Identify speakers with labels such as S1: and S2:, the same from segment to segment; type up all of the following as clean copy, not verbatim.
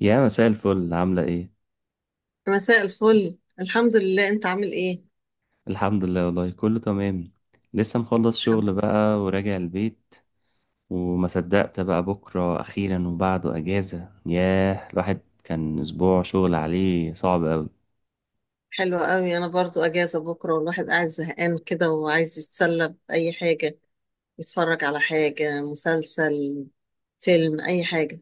S1: يا مساء الفل، عاملة ايه؟
S2: مساء الفل، الحمد لله. انت عامل ايه؟
S1: الحمد لله والله كله تمام. لسه مخلص
S2: الحمد
S1: شغل
S2: لله.
S1: بقى وراجع البيت. وما صدقت بقى بكرة أخيرا وبعده أجازة، ياه الواحد كان أسبوع شغل عليه صعب أوي.
S2: حلوة قوي. انا برضو اجازة بكرة، والواحد قاعد زهقان كده وعايز يتسلى بأي حاجة، يتفرج على حاجة، مسلسل، فيلم، اي حاجة.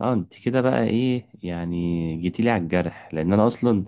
S1: اه، انت كده بقى ايه يعني؟ جيتيلي على الجرح، لأن أنا أصلا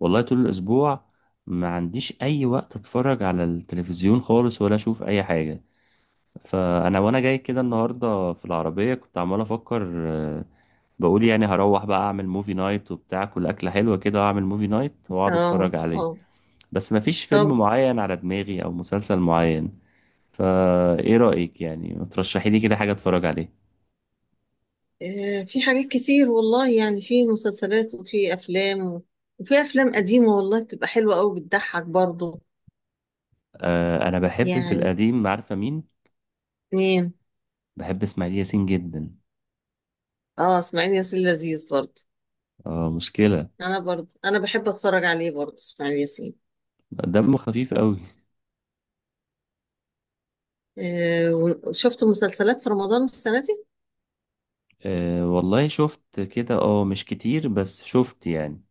S1: والله طول الأسبوع ما عنديش أي وقت أتفرج على التلفزيون خالص ولا أشوف أي حاجة. فانا وانا جاي كده النهارده في العربيه كنت عمال افكر. آه، بقول يعني هروح بقى اعمل موفي نايت وبتاع، كل اكله حلوه كده واعمل موفي نايت واقعد
S2: اه،
S1: اتفرج عليه.
S2: اه.
S1: بس مفيش فيلم
S2: طب،
S1: معين على دماغي او مسلسل معين. فايه رايك يعني، ما ترشحي لي كده حاجه اتفرج عليه؟
S2: في حاجات كتير والله، يعني في مسلسلات وفي افلام وفي افلام قديمة والله بتبقى حلوة قوي، بتضحك برضو.
S1: آه انا بحب في
S2: يعني
S1: القديم، عارفه مين؟
S2: مين؟
S1: بحب اسماعيل ياسين جدا.
S2: اه، اسماعيل ياسين لذيذ برضو.
S1: اه مشكله.
S2: انا برضو بحب اتفرج عليه برضو، اسماعيل ياسين.
S1: دمه خفيف قوي.
S2: آه، وشفت مسلسلات في رمضان السنة دي.
S1: آه والله شفت كده، اه مش كتير بس شفت يعني.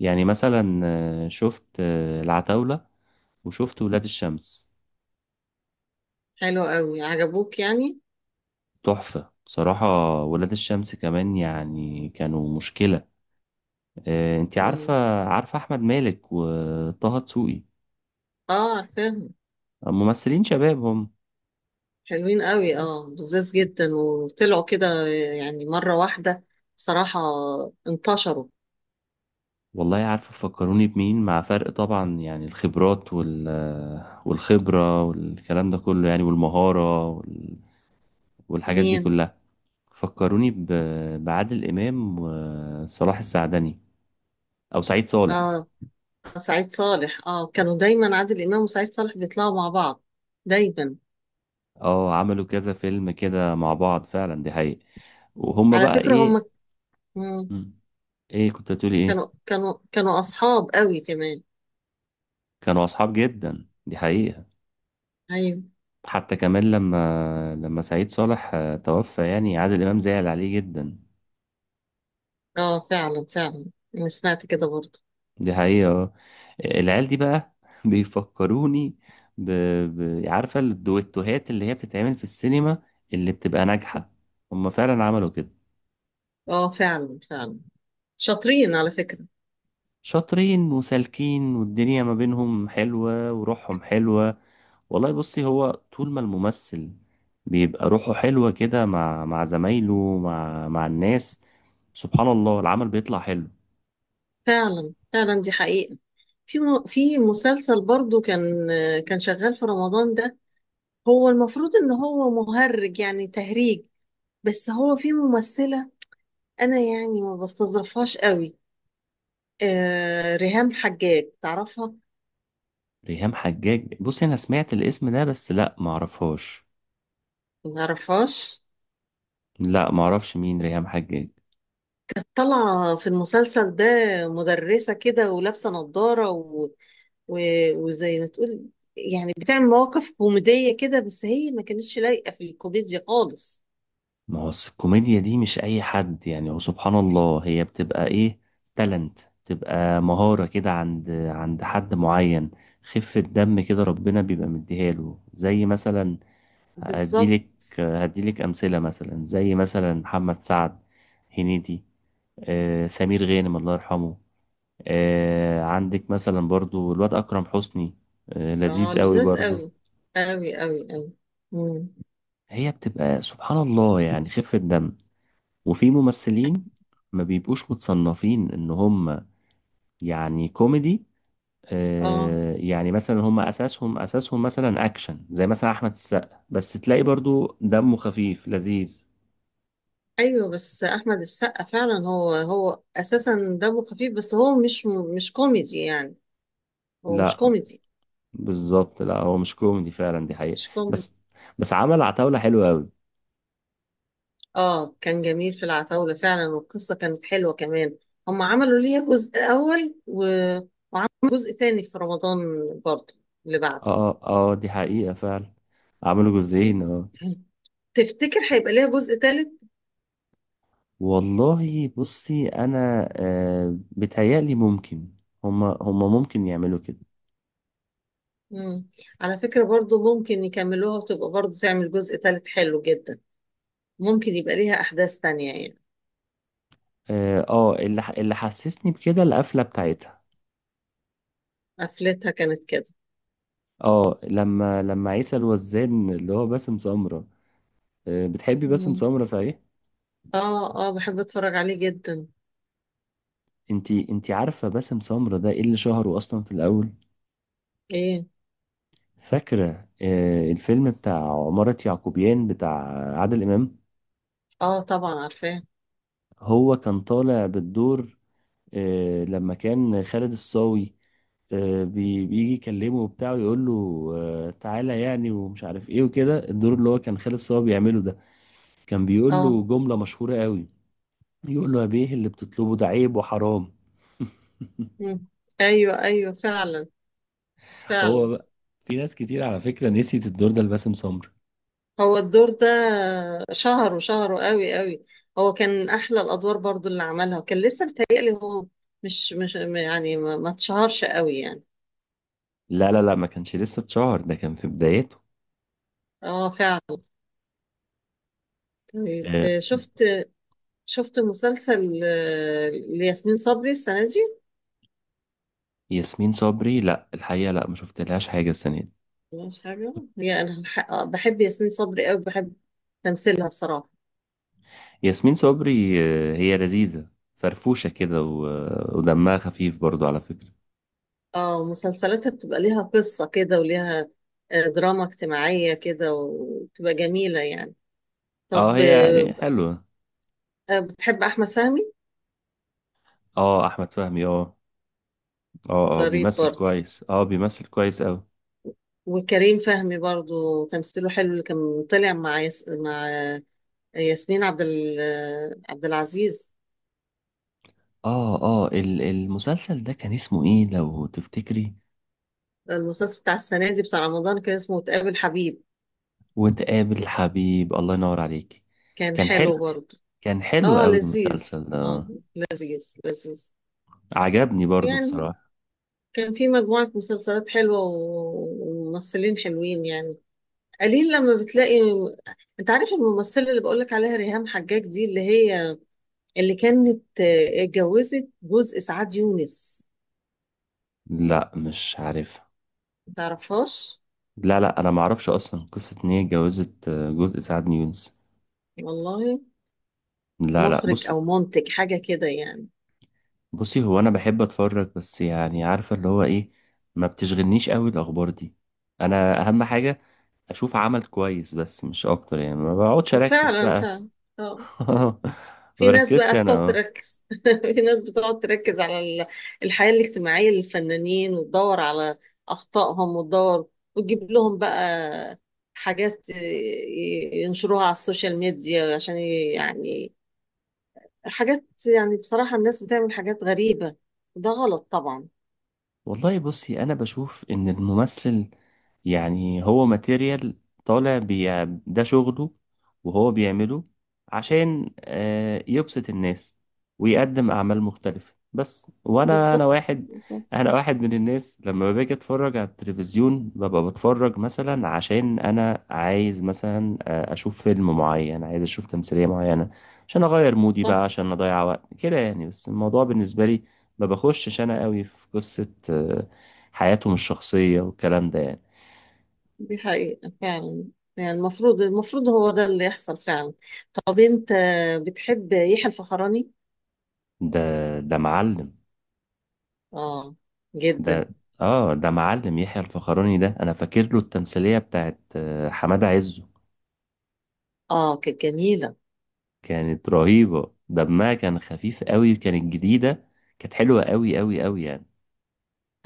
S1: يعني مثلا شفت العتاولة، وشفت ولاد الشمس.
S2: حلوة قوي، عجبوك يعني؟
S1: تحفة بصراحة. ولاد الشمس كمان يعني كانوا مشكلة. انتي عارفة
S2: مم.
S1: عارفة أحمد مالك وطه دسوقي؟
S2: اه، عارفاهم.
S1: ممثلين شباب هم.
S2: حلوين قوي، اه لذاذ جدا، وطلعوا كده يعني مرة واحدة، بصراحة، انتشروا.
S1: والله عارفة فكروني بمين؟ مع فرق طبعا يعني الخبرات والخبرة والكلام ده كله، يعني والمهارة والحاجات دي
S2: مين؟
S1: كلها. فكروني بعادل إمام وصلاح السعدني، أو سعيد صالح.
S2: اه، سعيد صالح. اه، كانوا دايما عادل إمام وسعيد صالح بيطلعوا مع بعض دايما.
S1: اه، عملوا كذا فيلم كده مع بعض فعلا، دي حقيقة. وهم
S2: على
S1: بقى
S2: فكرة
S1: ايه؟
S2: هم. مم.
S1: مم. ايه كنت هتقولي ايه؟
S2: كانوا أصحاب قوي كمان.
S1: كانوا اصحاب جدا، دي حقيقة.
S2: أيوة.
S1: حتى كمان لما سعيد صالح توفى يعني، عادل امام زعل عليه جدا.
S2: اه، فعلا فعلا، أنا سمعت كده برضه.
S1: دي حقيقة. العيال دي بقى بيفكروني ب... عارفة الدويتوهات اللي هي بتتعمل في السينما، اللي بتبقى ناجحة؟ هم فعلا عملوا كده.
S2: اه، فعلا فعلا، شاطرين على فكرة.
S1: شاطرين وسالكين والدنيا ما بينهم حلوة وروحهم حلوة. والله بصي، هو طول ما الممثل بيبقى روحه حلوة كده مع زمايله، مع الناس، سبحان الله العمل بيطلع حلو.
S2: فعلا فعلا، دي حقيقة. في مسلسل برضو كان شغال في رمضان ده. هو المفروض ان هو مهرج، يعني تهريج، بس هو في ممثلة، انا يعني ما بستظرفهاش قوي. ريهام حجاج، تعرفها؟
S1: ريهام حجاج، بصي انا سمعت الاسم ده بس لا معرفهاش.
S2: ما تعرفهاش؟
S1: لا معرفش مين ريهام حجاج.
S2: طالعة في المسلسل ده، مدرسة كده ولابسة نظارة و... وزي ما تقول يعني بتعمل مواقف كوميدية كده، بس هي ما كانتش لايقة في الكوميديا خالص.
S1: ما هو الكوميديا دي مش اي حد يعني، هو سبحان الله هي بتبقى ايه؟ تالنت. بتبقى مهارة كده عند حد معين. خفة دم كده ربنا بيبقى مديها له. زي مثلا هديلك
S2: بالظبط.
S1: هديلك أمثلة، مثلا زي مثلا محمد سعد، هنيدي، سمير غانم الله يرحمه، عندك مثلا برضو الواد أكرم حسني،
S2: اه
S1: لذيذ قوي
S2: لذيذ
S1: برضو.
S2: قوي، قوي قوي قوي. امم.
S1: هي بتبقى سبحان الله يعني خفة دم. وفي ممثلين ما بيبقوش متصنفين إن هم يعني كوميدي،
S2: اه
S1: يعني مثلا هم أساسهم مثلا أكشن، زي مثلا أحمد السقا، بس تلاقي برضو دمه خفيف لذيذ.
S2: ايوه، بس احمد السقا فعلا هو اساسا دمه خفيف، بس هو مش كوميدي يعني. هو مش
S1: لا
S2: كوميدي،
S1: بالظبط، لا هو مش كوميدي فعلا، دي حقيقة.
S2: مش كوميدي.
S1: بس بس عمل عتاولة حلوة أوي.
S2: اه، كان جميل في العتاولة فعلا، والقصة كانت حلوة كمان. هم عملوا ليها جزء اول وجزء تاني في رمضان برضه، اللي بعده.
S1: اه اه، دي حقيقة فعلا، عملوا جزئين اه.
S2: تفتكر هيبقى ليها جزء تالت؟
S1: والله بصي أنا بتهيألي ممكن، هما ممكن يعملوا كده.
S2: مم. على فكرة برضه ممكن يكملوها وتبقى برضه تعمل جزء تالت حلو جدا، ممكن يبقى ليها أحداث تانية يعني.
S1: اه، اللي حسسني بكده القفلة بتاعتها.
S2: قفلتها كانت كده.
S1: اه، لما عيسى الوزان اللي هو باسم سمرة. بتحبي باسم
S2: مم.
S1: سمرة صحيح؟
S2: اه، اه، بحب اتفرج عليه جدا.
S1: انتي عارفة باسم سمرة ده ايه اللي شهره أصلا في الأول؟
S2: ايه؟
S1: فاكرة الفيلم بتاع عمارة يعقوبيان بتاع عادل إمام؟
S2: اه طبعا عارفاه.
S1: هو كان طالع بالدور لما كان خالد الصاوي بيجي يكلمه وبتاع ويقول له تعالى يعني ومش عارف ايه وكده، الدور اللي هو كان خالد صاوي بيعمله ده كان بيقول
S2: اه.
S1: له جملة مشهورة قوي. يقول له يا بيه اللي بتطلبه ده عيب وحرام.
S2: مم. ايوه، ايوه، فعلا
S1: هو
S2: فعلا.
S1: بقى، في ناس كتير على فكرة نسيت الدور ده لباسم سمر.
S2: هو الدور ده شهره شهره قوي قوي. هو كان من احلى الادوار برضو اللي عملها. كان لسه بيتهيألي هو مش يعني ما اتشهرش قوي يعني.
S1: لا لا لا، ما كانش لسه اتشهر، ده كان في بدايته.
S2: اه فعلا. طيب، شفت شفت مسلسل لياسمين صبري السنة دي؟
S1: ياسمين صبري، لا الحقيقة لا ما شفتلهاش حاجة السنة دي.
S2: مش حاجة. هي أنا بحب ياسمين صبري أوي، بحب تمثيلها بصراحة.
S1: ياسمين صبري، هي لذيذة، فرفوشة كده ودمها خفيف برضو على فكرة.
S2: اه، مسلسلاتها بتبقى ليها قصة كده وليها دراما اجتماعية كده، وبتبقى جميلة يعني.
S1: اه
S2: طب،
S1: هي يعني حلوة.
S2: بتحب أحمد فهمي؟
S1: اه، أحمد فهمي، اه. اه اه
S2: ظريف
S1: بيمثل
S2: برضه.
S1: كويس، اه بيمثل كويس أوي.
S2: وكريم فهمي برضه تمثيله حلو، اللي كان طلع مع مع ياسمين عبد ال... آه، عبد العزيز.
S1: اه اه، المسلسل ده كان اسمه ايه لو تفتكري؟
S2: المسلسل بتاع السنة دي بتاع رمضان كان اسمه تقابل حبيب.
S1: وتقابل الحبيب، الله ينور عليك.
S2: كان
S1: كان حلو.
S2: حلو برضه.
S1: كان حلو
S2: اه
S1: أوي
S2: لذيذ.
S1: المسلسل ده
S2: اه
S1: آه،
S2: لذيذ لذيذ.
S1: عجبني برضو
S2: يعني
S1: بصراحة.
S2: كان في مجموعة مسلسلات حلوة وممثلين حلوين يعني. قليل لما بتلاقي. انت عارف الممثلة اللي بقولك عليها ريهام حجاج دي اللي هي كانت اتجوزت جوز إسعاد يونس؟
S1: لا مش عارف.
S2: متعرفهاش؟
S1: لا لا، انا ما اعرفش اصلا قصه ان هي اتجوزت جزء سعد يونس.
S2: والله
S1: لا لا،
S2: مخرج
S1: بص،
S2: أو منتج حاجة كده يعني.
S1: بصي هو انا بحب اتفرج بس يعني، عارفه اللي هو ايه؟ ما بتشغلنيش قوي الاخبار دي. انا اهم حاجه اشوف عمل كويس، بس مش اكتر يعني، ما بقعدش اركز
S2: وفعلا
S1: بقى.
S2: فعلا. اه،
S1: ما
S2: في ناس
S1: بركزش
S2: بقى
S1: انا
S2: بتقعد
S1: آه.
S2: تركز. في ناس بتقعد تركز على الحياة الاجتماعية للفنانين، وتدور على أخطائهم، وتدور وتجيب لهم بقى حاجات ينشروها على السوشيال ميديا عشان يعني حاجات، يعني بصراحة الناس بتعمل حاجات غريبة، ده غلط طبعا.
S1: والله بصي، انا بشوف ان الممثل يعني هو ماتيريال، طالع ده شغله وهو بيعمله عشان يبسط الناس ويقدم اعمال مختلفة، بس وانا انا
S2: بالظبط،
S1: واحد
S2: بالظبط.
S1: انا واحد من الناس لما باجي اتفرج على التلفزيون ببقى بتفرج، مثلا عشان انا عايز مثلا اشوف فيلم معين، عايز اشوف تمثيلية معينة عشان اغير مودي
S2: صح.
S1: بقى، عشان اضيع وقت كده يعني. بس الموضوع بالنسبة لي ما بخشش انا قوي في قصة حياتهم الشخصية والكلام ده يعني.
S2: دي حقيقة فعلا. يعني المفروض هو ده اللي يحصل فعلا. طب، انت بتحب يحيى الفخراني؟
S1: ده معلم.
S2: اه، جدا.
S1: ده. اه ده معلم يحيى الفخراني، ده انا فاكر له التمثيلية بتاعت حمادة عزه.
S2: اه كانت جميلة
S1: كانت رهيبة، دمها كان خفيف قوي، كانت جديدة، كانت حلوة قوي قوي قوي يعني.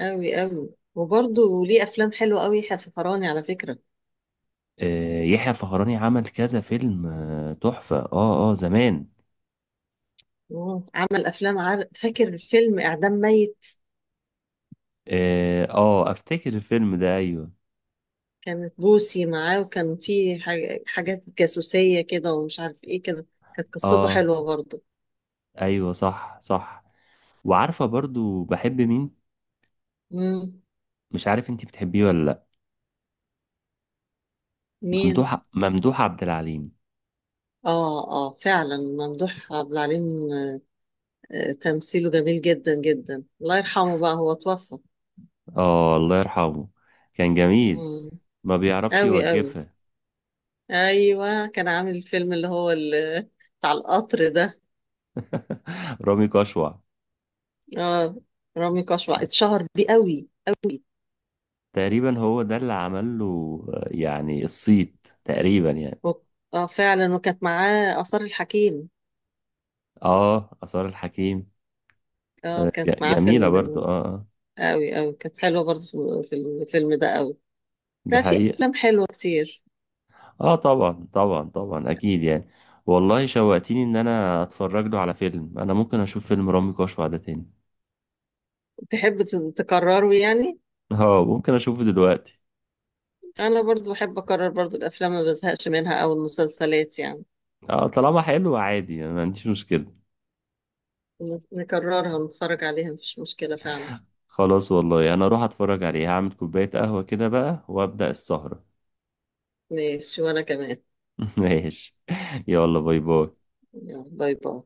S2: أوي أوي. وبرضه ليه أفلام حلوة أوي في فراني على فكرة.
S1: يحيى الفخراني عمل كذا فيلم تحفة، اه اه زمان.
S2: مم. عمل أفلام فاكر فيلم إعدام ميت.
S1: اه، افتكر الفيلم ده ايوه.
S2: كانت بوسي معاه وكان فيه حاجات جاسوسية كده ومش عارف إيه كده. كانت قصته
S1: اه
S2: حلوة برضه.
S1: ايوه صح صح. وعارفة برضو بحب مين؟
S2: مم.
S1: مش عارف انتي بتحبيه ولا لا.
S2: مين؟
S1: ممدوح عبد العليم.
S2: فعلا، ممدوح عبد العليم. تمثيله جميل جدا جدا، الله يرحمه بقى هو توفى.
S1: اه الله يرحمه، كان جميل.
S2: مم.
S1: ما بيعرفش
S2: أوي أوي.
S1: يوقفها.
S2: أيوة كان عامل الفيلم اللي هو بتاع القطر ده.
S1: رامي كشوع.
S2: اه، رامي كشوع اتشهر بيه قوي قوي.
S1: تقريبا هو ده اللي عمل له يعني الصيت تقريبا يعني.
S2: و- اه فعلا، وكانت معاه آثار الحكيم.
S1: اه، آثار الحكيم.
S2: اه كانت معاه في
S1: جميلة برضو اه اه.
S2: قوي قوي. كانت حلوة برضه في الفيلم ده قوي.
S1: دي
S2: لا، في
S1: حقيقة.
S2: أفلام حلوة كتير.
S1: اه طبعا طبعا طبعا، اكيد يعني. والله شوقتيني ان انا اتفرج له على فيلم، انا ممكن اشوف فيلم رامي كشوع ده تاني.
S2: تحب تكرره يعني؟
S1: اه ممكن اشوفه دلوقتي.
S2: أنا برضه بحب أكرر برضه الأفلام، ما بزهقش منها أو المسلسلات يعني
S1: اه، طالما حلو عادي، انا ما عنديش مشكلة.
S2: نكررها ونتفرج عليها مفيش مشكلة فعلا.
S1: خلاص والله، انا اروح اتفرج عليه، هعمل كوباية قهوة كده بقى وابدأ السهرة.
S2: ماشي، وأنا كمان.
S1: ماشي. يلا باي
S2: ماشي.
S1: باي.
S2: يلا باي باي